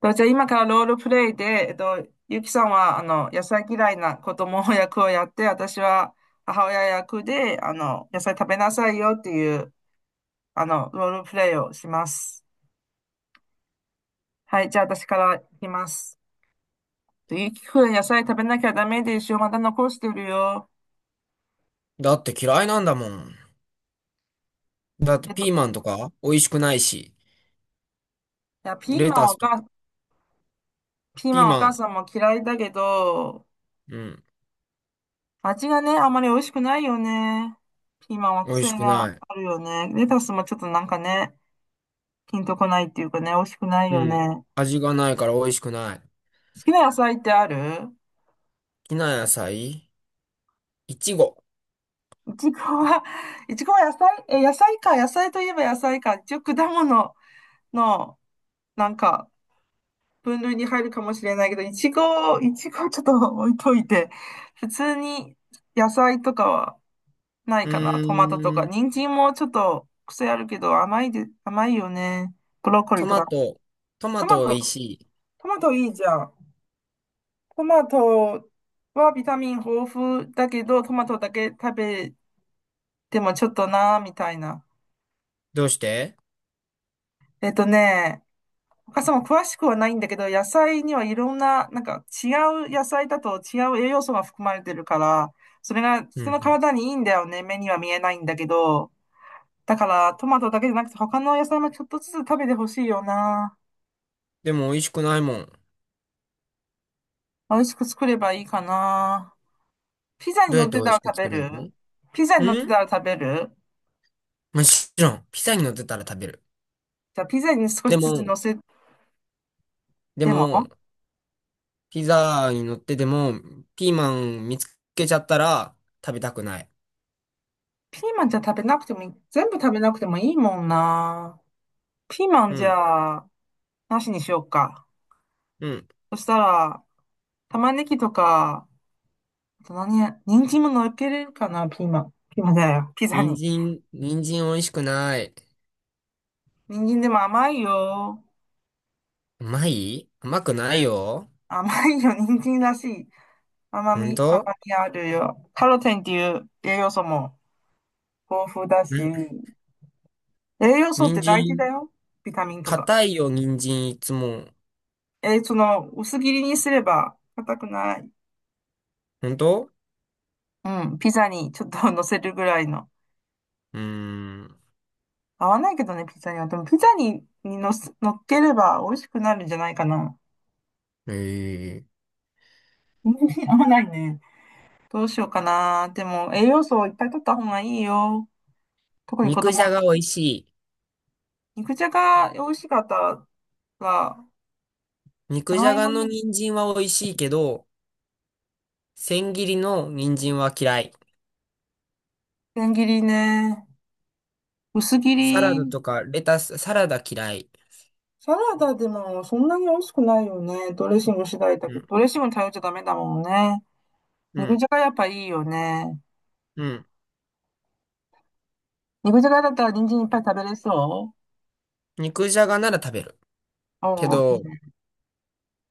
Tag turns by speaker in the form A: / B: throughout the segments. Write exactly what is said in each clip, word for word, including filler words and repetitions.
A: と、じゃあ今からロールプレイで、えっと、ゆきさんは、あの、野菜嫌いな子供役をやって、私は母親役で、あの、野菜食べなさいよっていう、あの、ロールプレイをします。はい、じゃあ私からいきます。ゆきくん、野菜食べなきゃダメでしょ。また残してるよ。
B: だって嫌いなんだもん。だって
A: えっ
B: ピ
A: と、
B: ーマンとか美味しくないし、
A: いや、ピー
B: レ
A: マ
B: タ
A: ンお
B: スとか、
A: か、ピーマ
B: ピー
A: ンお
B: マ
A: 母
B: ン、
A: さんも嫌いだけど、
B: うん、
A: 味がね、あまり美味しくないよね。ピーマンは
B: 美味
A: 癖
B: しく
A: が
B: ない。
A: あるよね。レタスもちょっとなんかね、ピンとこないっていうかね、美味しくない
B: う
A: よ
B: ん、
A: ね。
B: 味がないから美味しくない。好
A: 好きな野菜ってある？
B: きな野菜、いちご。
A: いちごは、いちごは野菜、え、野菜か、野菜といえば野菜か。一応果物の、なんか、分類に入るかもしれないけど、いちご、いちごちょっと置いといて、普通に野菜とかはない
B: う
A: かな。トマトと
B: ー
A: か。
B: ん、
A: 人参もちょっと癖あるけど、甘いで、甘いよね。ブロッコリ
B: ト
A: ーと
B: マ
A: か。
B: ト、ト
A: ト
B: マ
A: マ
B: ト美味
A: ト、
B: しい。
A: トマトいいじゃん。トマトはビタミン豊富だけど、トマトだけ食べてもちょっとなーみたいな。
B: どうして？
A: えっとね、お母さんも詳しくはないんだけど、野菜にはいろんな、なんか違う野菜だと違う栄養素が含まれてるから、それが
B: うんう
A: 人の
B: ん。
A: 体にいいんだよね。目には見えないんだけど。だからトマトだけじゃなくて他の野菜もちょっとずつ食べてほしいよな。
B: でも美味しくないもん。
A: 美味しく作ればいいかな。ピザに
B: どう
A: 乗
B: やっ
A: っ
B: て
A: て
B: 美
A: た
B: 味し
A: ら
B: く
A: 食べ
B: 作る
A: る。
B: の？
A: ピザ
B: う
A: に乗って
B: ん、
A: たら食べる。
B: もちろん、ピザに乗ってたら食べる。
A: じゃあ、ピザに少
B: で
A: しずつ
B: も、
A: 乗せ。
B: で
A: でも、
B: も、ピザに乗ってても、ピーマン見つけちゃったら食べたくない。
A: ピーマンじゃ食べなくてもいい、全部食べなくてもいいもんな。ピーマン
B: う
A: じ
B: ん
A: ゃあ、なしにしようか。
B: うん。
A: そしたら、玉ねぎとか、あと何や、人参も乗っけれるかな、ピーマン。ピーマンじゃないよ、ピザ
B: 人
A: に。
B: 参、人参美味しくない。
A: 人参でも甘いよ。
B: うまいうまくないよ。
A: 甘いよ、人参らしい。甘
B: ほん
A: み、甘
B: と？
A: みあるよ。カロテンっていう栄養素も豊富だし、
B: ん、
A: 栄養素っ
B: 人
A: て大事だ
B: 参、
A: よ。ビタミンとか。
B: 硬いよ、人参いつも。
A: えーその、薄切りにすれば硬くない。
B: ほんと？
A: うん、ピザにちょっと 乗せるぐらいの。
B: うーん。
A: 合わないけどね、ピザには。でも、ピザに、に乗す、乗っければ美味しくなるんじゃないかな。
B: えー
A: 合わないね。どうしようかな。でも、栄養素をいっぱい取った方がいいよ。特に子
B: 肉じ
A: 供の
B: ゃが美味
A: 時。
B: しい。
A: 肉じゃが美味しかったら、じ
B: 肉
A: ゃ
B: じ
A: が
B: ゃ
A: い
B: が
A: も
B: の
A: の
B: 人参は美味しいけど、千切りの人参は嫌い。
A: 千切りね。薄切
B: サラダ
A: り。
B: とかレタス、サラダ嫌い。
A: サラダでもそんなに美味しくないよね。ドレッシング次第だ
B: う
A: けど、
B: ん、
A: ドレッシングに頼っちゃダメだもんね。
B: う
A: 肉
B: ん、
A: じゃがやっぱいいよね。
B: うん。
A: 肉じゃがだったら人参いっぱい食べれそう？
B: 肉じゃがなら食べる。
A: お
B: け
A: ー。
B: ど、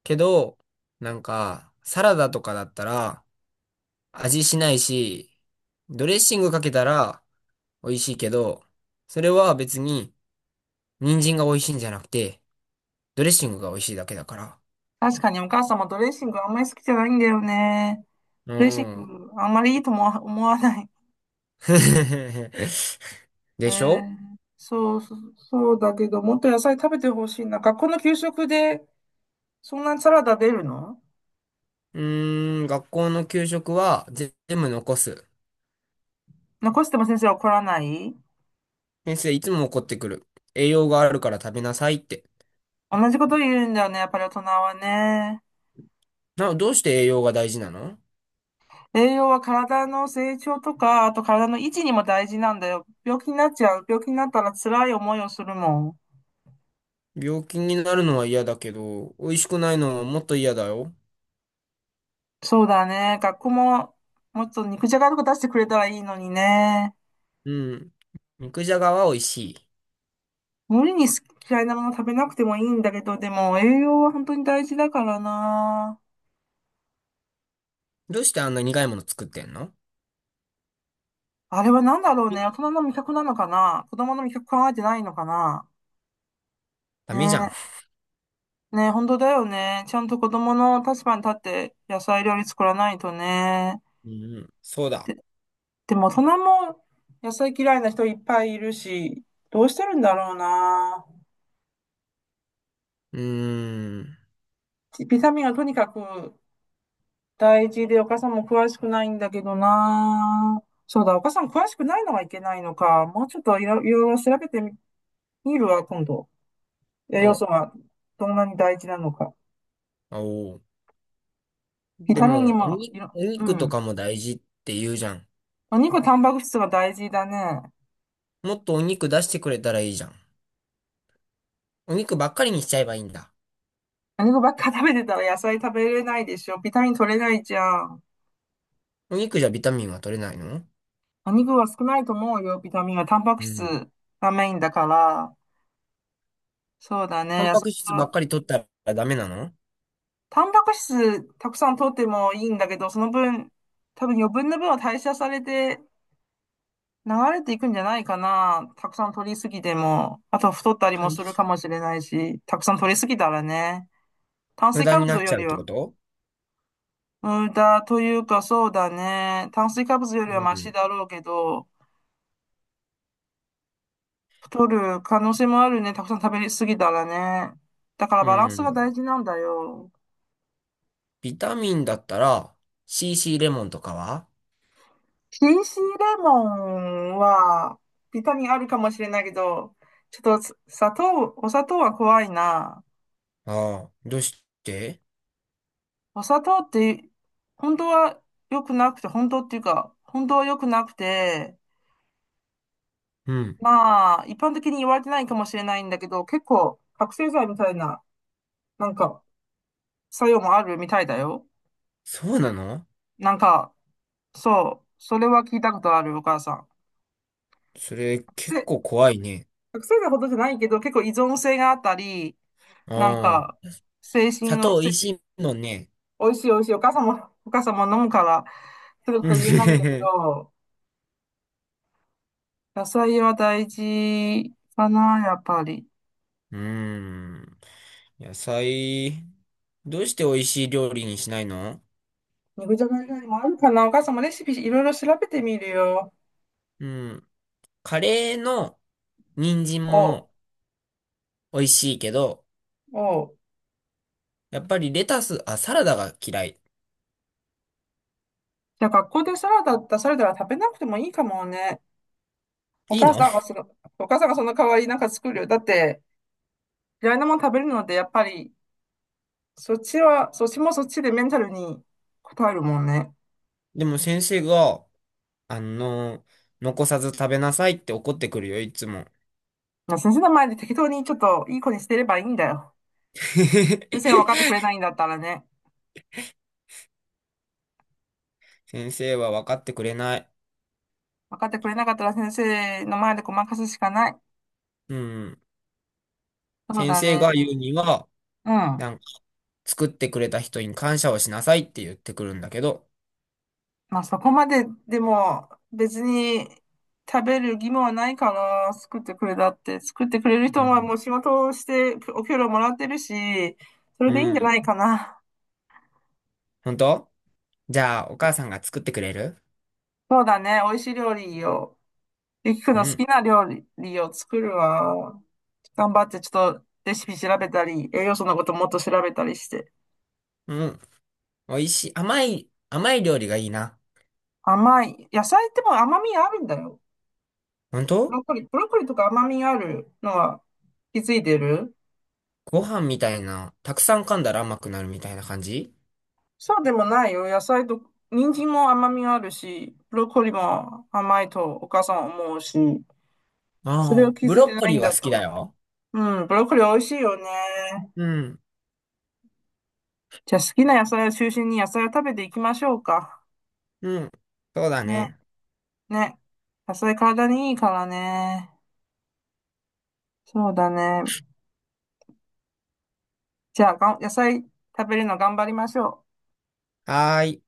B: けど、なんか、サラダとかだったら、味しないし、ドレッシングかけたら美味しいけど、それは別に人参が美味しいんじゃなくて、ドレッシングが美味しいだけだから。
A: 確かにお母様ドレッシングあんまり好きじゃないんだよね。
B: う
A: ドレッシン
B: ん。
A: グあんまりいいとも思わない。え
B: でしょ？
A: ー、そうそう、そうだけど、もっと野菜食べてほしいな。学校の給食でそんなにサラダ出るの？
B: うーん、学校の給食は全部残す。
A: 残しても先生怒らない？
B: 先生いつも怒ってくる。栄養があるから食べなさいって。
A: 同じこと言うんだよね、やっぱり大人はね。
B: な、どうして栄養が大事なの？
A: 栄養は体の成長とか、あと体の維持にも大事なんだよ。病気になっちゃう。病気になったら辛い思いをするもん。
B: 病気になるのは嫌だけど、美味しくないのはもっと嫌だよ。
A: そうだね。学校も、もっと肉じゃがとか出してくれたらいいのにね。
B: うん。肉じゃがは美味しい。
A: 無理に好き嫌いなもの食べなくてもいいんだけど、でも栄養は本当に大事だからな。
B: どうしてあんな苦いもの作ってんの？
A: あれは何だろうね。大人の味覚なのかな？子供の味覚考えてないのかな？
B: ダメじゃん。
A: ねえ。ねえ、本当だよね。ちゃんと子供の立場に立って野菜料理作らないとね。
B: うん、そうだ。
A: で、でも大人も野菜嫌いな人いっぱいいるし、どうしてるんだろうな。
B: うーん。
A: ビタミンはとにかく大事で、お母さんも詳しくないんだけどな。そうだ、お母さん詳しくないのはいけないのか。もうちょっといろいろいろ調べてみみるわ、今度。栄養
B: お、
A: 素はどんなに大事なのか。
B: おう。
A: ビ
B: で
A: タミンに
B: も、お
A: も、い
B: に、
A: ろ、
B: お
A: う
B: 肉と
A: ん。
B: かも大事って言うじゃん。
A: お肉、タンパク質が大事だね。
B: もっとお肉出してくれたらいいじゃん。お肉ばっかりにしちゃえばいいんだ。
A: お肉ばっか食べてたら野菜食べれないでしょ。ビタミン取れないじゃん。
B: お肉じゃビタミンは取れないの？
A: お肉は少ないと思うよ、ビタミンは。タンパク
B: う
A: 質
B: ん。
A: がメインだから。そうだ
B: タ
A: ね。
B: ン
A: 野
B: パ
A: 菜
B: ク質ばっかり取ったらダメなの？
A: タンパク質たくさん取ってもいいんだけど、その分、多分余分な分は代謝されて流れていくんじゃないかな。たくさん取りすぎても、あとは太ったりも
B: 代
A: するか
B: 謝？
A: もしれないし、たくさん取りすぎたらね、炭
B: 無
A: 水
B: 駄
A: 化
B: にな
A: 物
B: っ
A: よ
B: ちゃう
A: り
B: って
A: は
B: こと？
A: 無駄というかそうだね。炭水化物より
B: う
A: はマシ
B: ん。
A: だろうけど、太る可能性もあるね。たくさん食べ過ぎたらね。だから
B: う
A: バランスが大
B: ん。
A: 事なんだよ。
B: ビタミンだったら、シーシー レモンとかは？
A: シーシー レモンは、ビタミンあるかもしれないけど、ちょっとさ砂糖、お砂糖は怖いな。
B: ああ、どうして？
A: お砂糖って、本当は良くなくて、本当っていうか、本当は良くなくて、
B: うん。
A: まあ、一般的に言われてないかもしれないんだけど、結構、覚醒剤みたいな、なんか、作用もあるみたいだよ。
B: そうなの？
A: なんか、そう、それは聞いたことある、お母さん。
B: それ
A: 覚
B: 結
A: 醒、
B: 構怖いね。
A: 覚醒剤ほどじゃないけど、結構依存性があったり、
B: う
A: なん
B: ん。
A: か、精神
B: 砂
A: の、
B: 糖美
A: 精。
B: 味しいもんね。
A: 美味しい美味しい。お母さんも、お母さんも飲むから、する
B: う
A: と
B: ん。
A: 言えないんだけ ど、野菜は大事かな、やっぱり。
B: うん、野菜、どうして美味しい料理にしないの？
A: 肉じゃが以外にもあるかな。お母さんもレシピいろいろ調べてみるよ。
B: うん。カレーの人参
A: おう、
B: も美味しいけど、
A: おう。
B: やっぱりレタス、あ、サラダが嫌い。
A: じゃあ学校でサラダだったらサラダは食べなくてもいいかもね。お
B: いい
A: 母
B: の？
A: さんがその、お母さんがその代わりなんか作るよ。だって、嫌いなもの食べるので、やっぱり、そっちは、そっちもそっちでメンタルに応えるもんね。
B: でも先生が、あの、残さず食べなさいって怒ってくるよ、いつも。
A: まあ先生の前で適当にちょっといい子にしてればいいんだよ。先生が分かってくれ ないんだったらね。
B: 先生は分かってくれない。
A: 分かってくれなかったら先生の前でごまかすしかない。
B: うん。
A: そう
B: 先
A: だ
B: 生
A: ね。
B: が言うには、
A: うん。
B: なんか、作ってくれた人に感謝をしなさいって言ってくるんだけど。
A: まあそこまででも別に食べる義務はないかな。作ってくれたって。作ってくれる人
B: う
A: は
B: ん。
A: もう仕事をしてお給料もらってるし、それ
B: う
A: でいいんじゃ
B: ん。
A: ないかな。
B: 本当？じゃあ、お母さんが作ってくれる？
A: そうだね。美味しい料理を、ゆきくん
B: う
A: の好き
B: ん。
A: な料理を作るわ。頑張ってちょっとレシピ調べたり、栄養素のこともっと調べたりして。
B: うん。美味しい。甘い、甘い料理がいいな。
A: 甘い。野菜ってもう甘みあるんだよ。
B: 本
A: ブ
B: 当？
A: ロッコリー、ブロッコリーとか甘みあるのは気づいてる？
B: ご飯みたいな、たくさん噛んだら甘くなるみたいな感じ？
A: そうでもないよ。野菜と、人参も甘みあるし、ブロッコリーも甘いとお母さんは思うし、それ
B: あ
A: を
B: あ、
A: 気
B: ブ
A: づい
B: ロ
A: て
B: ッ
A: な
B: コ
A: い
B: リー
A: ん
B: は
A: だっ
B: 好
A: た
B: きだ
A: ら。
B: よ。
A: うん、ブロッコリー美味しいよね。
B: うん。
A: じゃあ好きな野菜を中心に野菜を食べていきましょうか。
B: うん。そうだ
A: ね、
B: ね。
A: ね。野菜体にいいからね。そうだね。じゃあがん、野菜食べるの頑張りましょう。
B: はーい。